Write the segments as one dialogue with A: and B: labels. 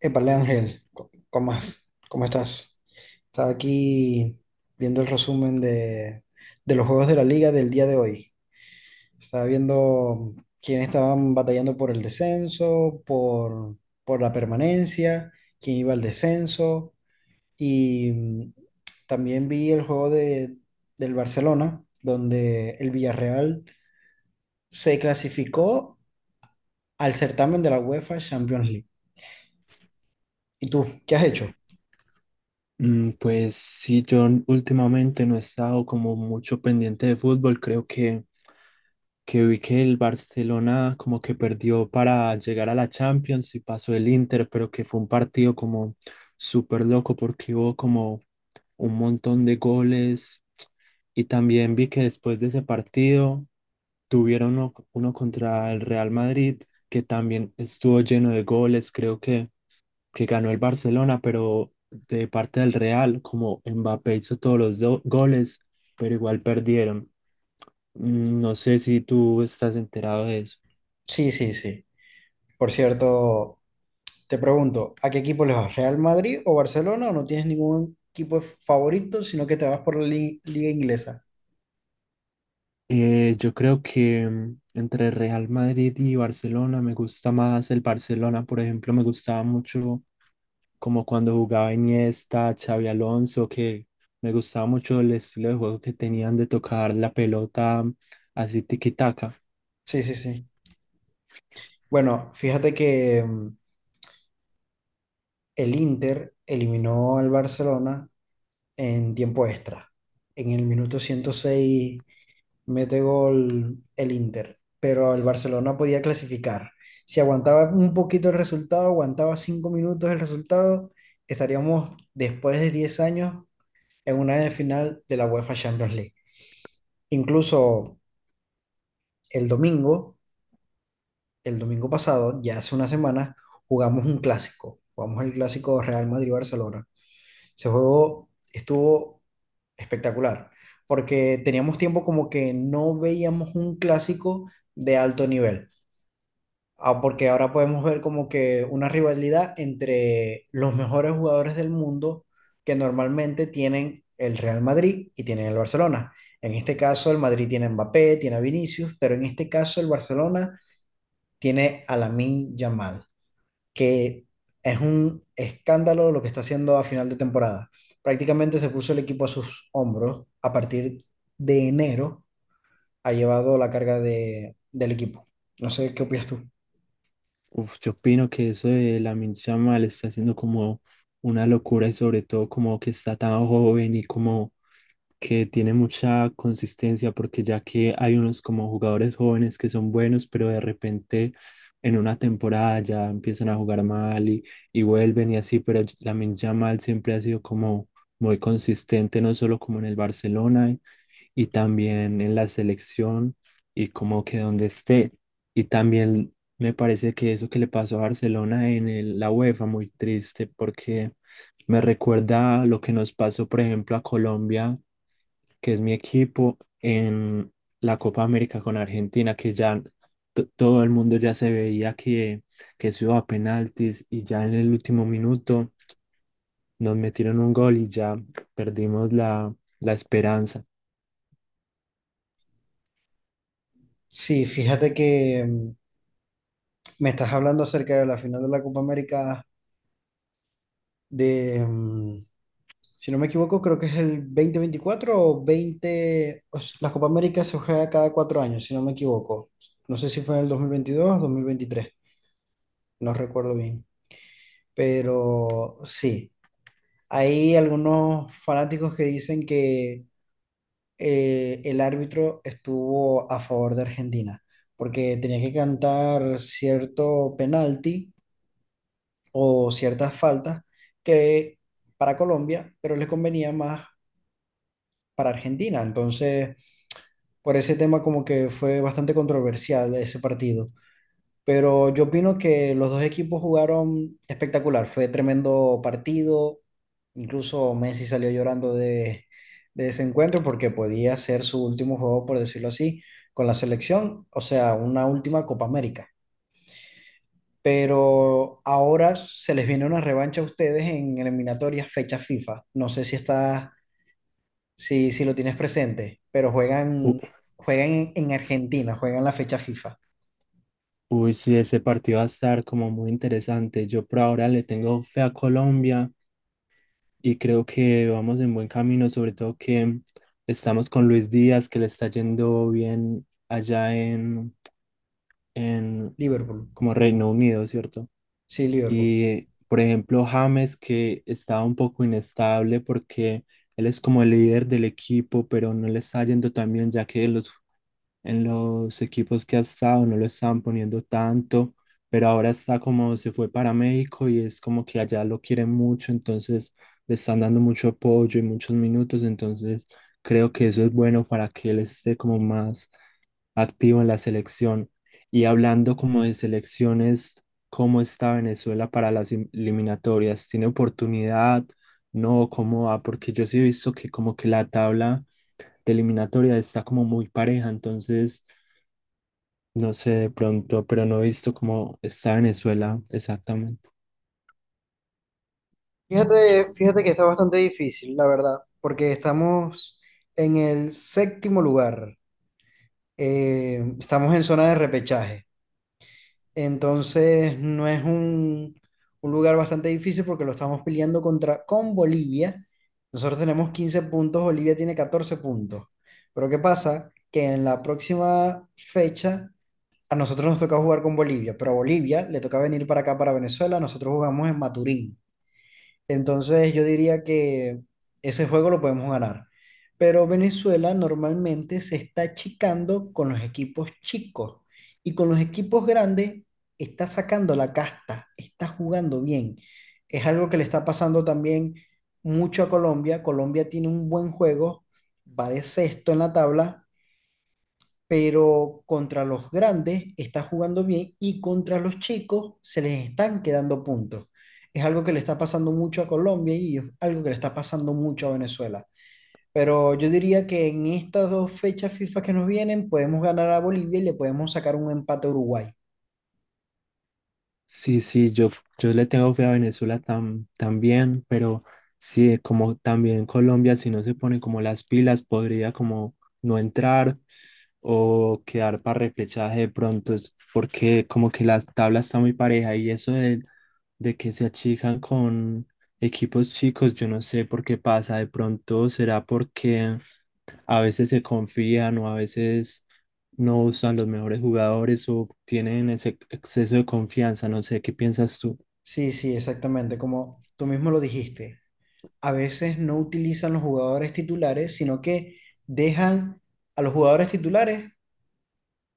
A: Épale, Ángel, ¿Cómo estás? Estaba aquí viendo el resumen de los juegos de la liga del día de hoy. Estaba viendo quiénes estaban batallando por el descenso, por la permanencia, quién iba al descenso. Y también vi el juego del Barcelona, donde el Villarreal se clasificó al certamen de la UEFA Champions League. ¿Y tú, qué has hecho?
B: Pues sí, yo últimamente no he estado como mucho pendiente de fútbol. Creo que vi que el Barcelona como que perdió para llegar a la Champions y pasó el Inter, pero que fue un partido como súper loco porque hubo como un montón de goles. Y también vi que después de ese partido tuvieron uno, uno contra el Real Madrid, que también estuvo lleno de goles. Creo que ganó el Barcelona, pero de parte del Real, como Mbappé hizo todos los goles, pero igual perdieron. No sé si tú estás enterado de eso.
A: Sí, sí, sí. Por cierto, te pregunto, ¿a qué equipo les vas? ¿Real Madrid o Barcelona? ¿O no tienes ningún equipo favorito, sino que te vas por la liga inglesa?
B: Yo creo que entre Real Madrid y Barcelona me gusta más el Barcelona. Por ejemplo, me gustaba mucho como cuando jugaba Iniesta, Xavi Alonso, que me gustaba mucho el estilo de juego que tenían de tocar la pelota, así tiki-taka.
A: Sí, sí, sí. Bueno, fíjate que el Inter eliminó al Barcelona en tiempo extra. En el minuto 106 mete gol el Inter, pero el Barcelona podía clasificar. Si aguantaba un poquito el resultado, aguantaba 5 minutos el resultado, estaríamos después de 10 años en una de final de la UEFA Champions League. Incluso el domingo, el domingo pasado, ya hace una semana, jugamos un clásico. Jugamos el clásico Real Madrid-Barcelona. Ese juego estuvo espectacular, porque teníamos tiempo como que no veíamos un clásico de alto nivel. Ah, porque ahora podemos ver como que una rivalidad entre los mejores jugadores del mundo que normalmente tienen el Real Madrid y tienen el Barcelona. En este caso, el Madrid tiene a Mbappé, tiene a Vinicius, pero en este caso el Barcelona tiene a Lamine Yamal, que es un escándalo lo que está haciendo a final de temporada. Prácticamente se puso el equipo a sus hombros. A partir de enero ha llevado la carga del equipo. No sé qué opinas tú.
B: Uf, yo opino que eso de Lamine Yamal está haciendo como una locura, y sobre todo como que está tan joven y como que tiene mucha consistencia, porque ya que hay unos como jugadores jóvenes que son buenos, pero de repente en una temporada ya empiezan a jugar mal, y vuelven y así, pero Lamine Yamal siempre ha sido como muy consistente, no solo como en el Barcelona, y también en la selección y como que donde esté. Y también me parece que eso que le pasó a Barcelona en la UEFA, muy triste, porque me recuerda lo que nos pasó, por ejemplo, a Colombia, que es mi equipo, en la Copa América con Argentina, que ya todo el mundo ya se veía que eso iba a penaltis, y ya en el último minuto nos metieron un gol y ya perdimos la esperanza.
A: Sí, fíjate que me estás hablando acerca de la final de la Copa América de, mm, si no me equivoco, creo que es el 2024 o 20... o s- La Copa América se juega cada 4 años, si no me equivoco. No sé si fue en el 2022 o 2023 no recuerdo bien. Pero sí, hay algunos fanáticos que dicen que el árbitro estuvo a favor de Argentina, porque tenía que cantar cierto penalti o ciertas faltas que para Colombia, pero les convenía más para Argentina. Entonces, por ese tema como que fue bastante controversial ese partido. Pero yo opino que los dos equipos jugaron espectacular. Fue tremendo partido. Incluso Messi salió llorando de ese encuentro porque podía ser su último juego, por decirlo así, con la selección. O sea, una última Copa América. Pero ahora se les viene una revancha a ustedes en eliminatorias fecha FIFA. No sé si está, si lo tienes presente, pero
B: U-
A: juegan en Argentina, juegan la fecha FIFA.
B: Uy, sí, ese partido va a estar como muy interesante. Yo por ahora le tengo fe a Colombia y creo que vamos en buen camino, sobre todo que estamos con Luis Díaz, que le está yendo bien allá en
A: Liverpool.
B: como Reino Unido, ¿cierto?
A: Sí, Liverpool.
B: Y por ejemplo, James, que estaba un poco inestable porque él es como el líder del equipo, pero no le está yendo tan bien, ya que los en los equipos que ha estado, no lo estaban poniendo tanto, pero ahora está como se fue para México y es como que allá lo quieren mucho, entonces le están dando mucho apoyo y muchos minutos, entonces creo que eso es bueno para que él esté como más activo en la selección. Y hablando como de selecciones, ¿cómo está Venezuela para las eliminatorias? ¿Tiene oportunidad? No, ¿cómo va? Porque yo sí he visto que como que la tabla de eliminatoria está como muy pareja, entonces no sé de pronto, pero no he visto cómo está Venezuela exactamente.
A: Fíjate que está bastante difícil, la verdad, porque estamos en el séptimo lugar. Estamos en zona de repechaje. Entonces, no es un lugar bastante difícil porque lo estamos peleando con Bolivia. Nosotros tenemos 15 puntos, Bolivia tiene 14 puntos. Pero ¿qué pasa? Que en la próxima fecha a nosotros nos toca jugar con Bolivia, pero a Bolivia le toca venir para acá, para Venezuela. Nosotros jugamos en Maturín. Entonces yo diría que ese juego lo podemos ganar. Pero Venezuela normalmente se está achicando con los equipos chicos y con los equipos grandes está sacando la casta, está jugando bien. Es algo que le está pasando también mucho a Colombia. Colombia tiene un buen juego, va de sexto en la tabla pero contra los grandes está jugando bien y contra los chicos se les están quedando puntos. Es algo que le está pasando mucho a Colombia y es algo que le está pasando mucho a Venezuela. Pero yo diría que en estas dos fechas FIFA que nos vienen podemos ganar a Bolivia y le podemos sacar un empate a Uruguay.
B: Sí, sí, yo le tengo fe a Venezuela también, pero sí, como también Colombia, si no se pone como las pilas, podría como no entrar o quedar para repechaje de pronto. Es porque como que las tablas están muy pareja, y eso de que se achican con equipos chicos, yo no sé por qué pasa, de pronto será porque a veces se confían, o a veces no usan los mejores jugadores o tienen ese exceso de confianza. No sé, ¿qué piensas tú?
A: Sí, sí, exactamente, como tú mismo lo dijiste. A veces no utilizan los jugadores titulares, sino que dejan a los jugadores titulares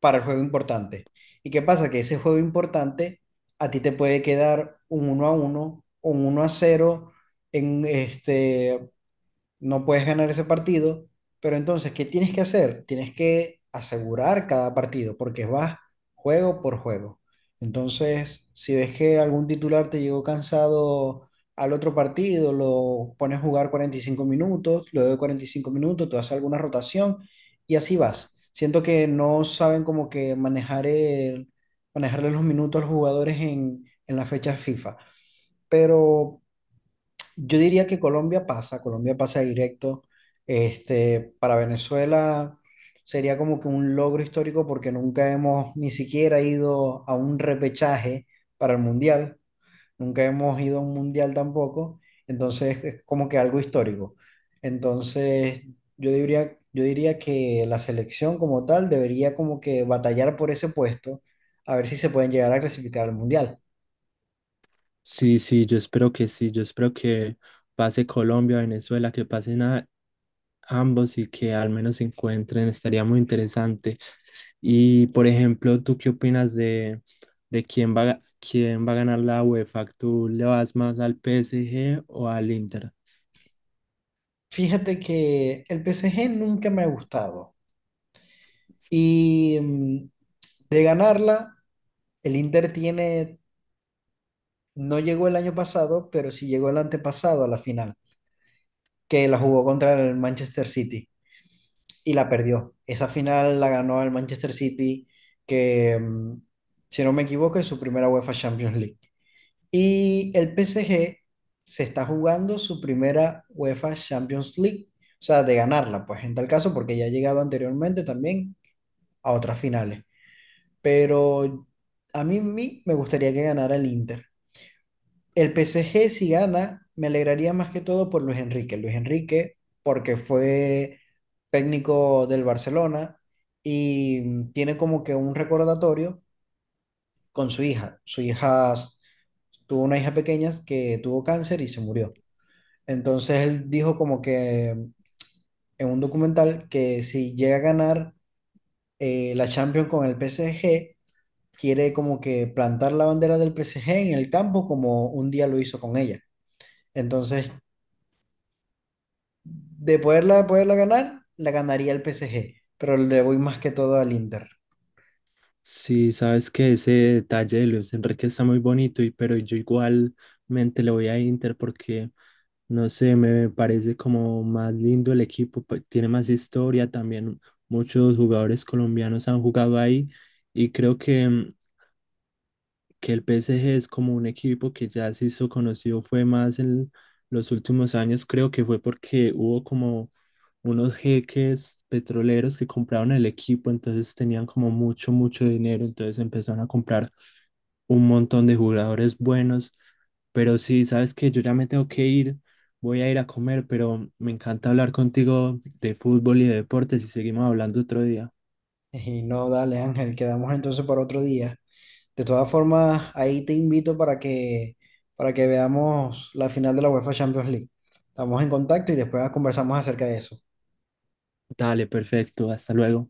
A: para el juego importante. ¿Y qué pasa? Que ese juego importante a ti te puede quedar un 1-1 o un 1-0 en este no puedes ganar ese partido, pero entonces, ¿qué tienes que hacer? Tienes que asegurar cada partido, porque vas juego por juego. Entonces, si ves que algún titular te llegó cansado al otro partido, lo pones a jugar 45 minutos, luego de 45 minutos, tú haces alguna rotación y así vas. Siento que no saben como que manejarle los minutos a los jugadores en las fechas FIFA. Pero yo diría que Colombia pasa directo. Este, para Venezuela sería como que un logro histórico porque nunca hemos ni siquiera ido a un repechaje para el mundial, nunca hemos ido a un mundial tampoco, entonces es como que algo histórico. Entonces yo diría que la selección como tal debería como que batallar por ese puesto a ver si se pueden llegar a clasificar al mundial.
B: Sí, sí, yo espero que sí, yo espero que pase Colombia, Venezuela, que pasen a ambos y que al menos se encuentren, estaría muy interesante. Y por ejemplo, ¿tú qué opinas de quién va, a quién va a ganar la UEFA? ¿Tú le vas más al PSG o al Inter?
A: Fíjate que el PSG nunca me ha gustado. Y de ganarla, el Inter tiene, no llegó el año pasado, pero sí llegó el antepasado a la final, que la jugó contra el Manchester City y la perdió. Esa final la ganó el Manchester City, que si no me equivoco es su primera UEFA Champions League. Y el PSG se está jugando su primera UEFA Champions League, o sea, de ganarla, pues en tal caso, porque ya ha llegado anteriormente también a otras finales. Pero a mí me gustaría que ganara el Inter. El PSG si gana, me alegraría más que todo por Luis Enrique. Luis Enrique, porque fue técnico del Barcelona y tiene como que un recordatorio con su hija. Su hija tuvo una hija pequeña que tuvo cáncer y se murió. Entonces él dijo como que en un documental que si llega a ganar la Champions con el PSG, quiere como que plantar la bandera del PSG en el campo como un día lo hizo con ella. Entonces, de poderla ganar, la ganaría el PSG, pero le voy más que todo al Inter.
B: Sí, sabes que ese detalle de Luis Enrique está muy bonito, pero yo igualmente le voy a Inter porque no sé, me parece como más lindo el equipo, pues, tiene más historia, también muchos jugadores colombianos han jugado ahí, y creo que, que el PSG es como un equipo que ya se hizo conocido, fue más en los últimos años. Creo que fue porque hubo como unos jeques petroleros que compraron el equipo, entonces tenían como mucho, mucho dinero, entonces empezaron a comprar un montón de jugadores buenos. Pero sí, sabes que yo ya me tengo que ir, voy a ir a comer, pero me encanta hablar contigo de fútbol y de deportes y seguimos hablando otro día.
A: Y no, dale Ángel, quedamos entonces para otro día. De todas formas, ahí te invito para que veamos la final de la UEFA Champions League. Estamos en contacto y después conversamos acerca de eso.
B: Dale, perfecto, hasta luego.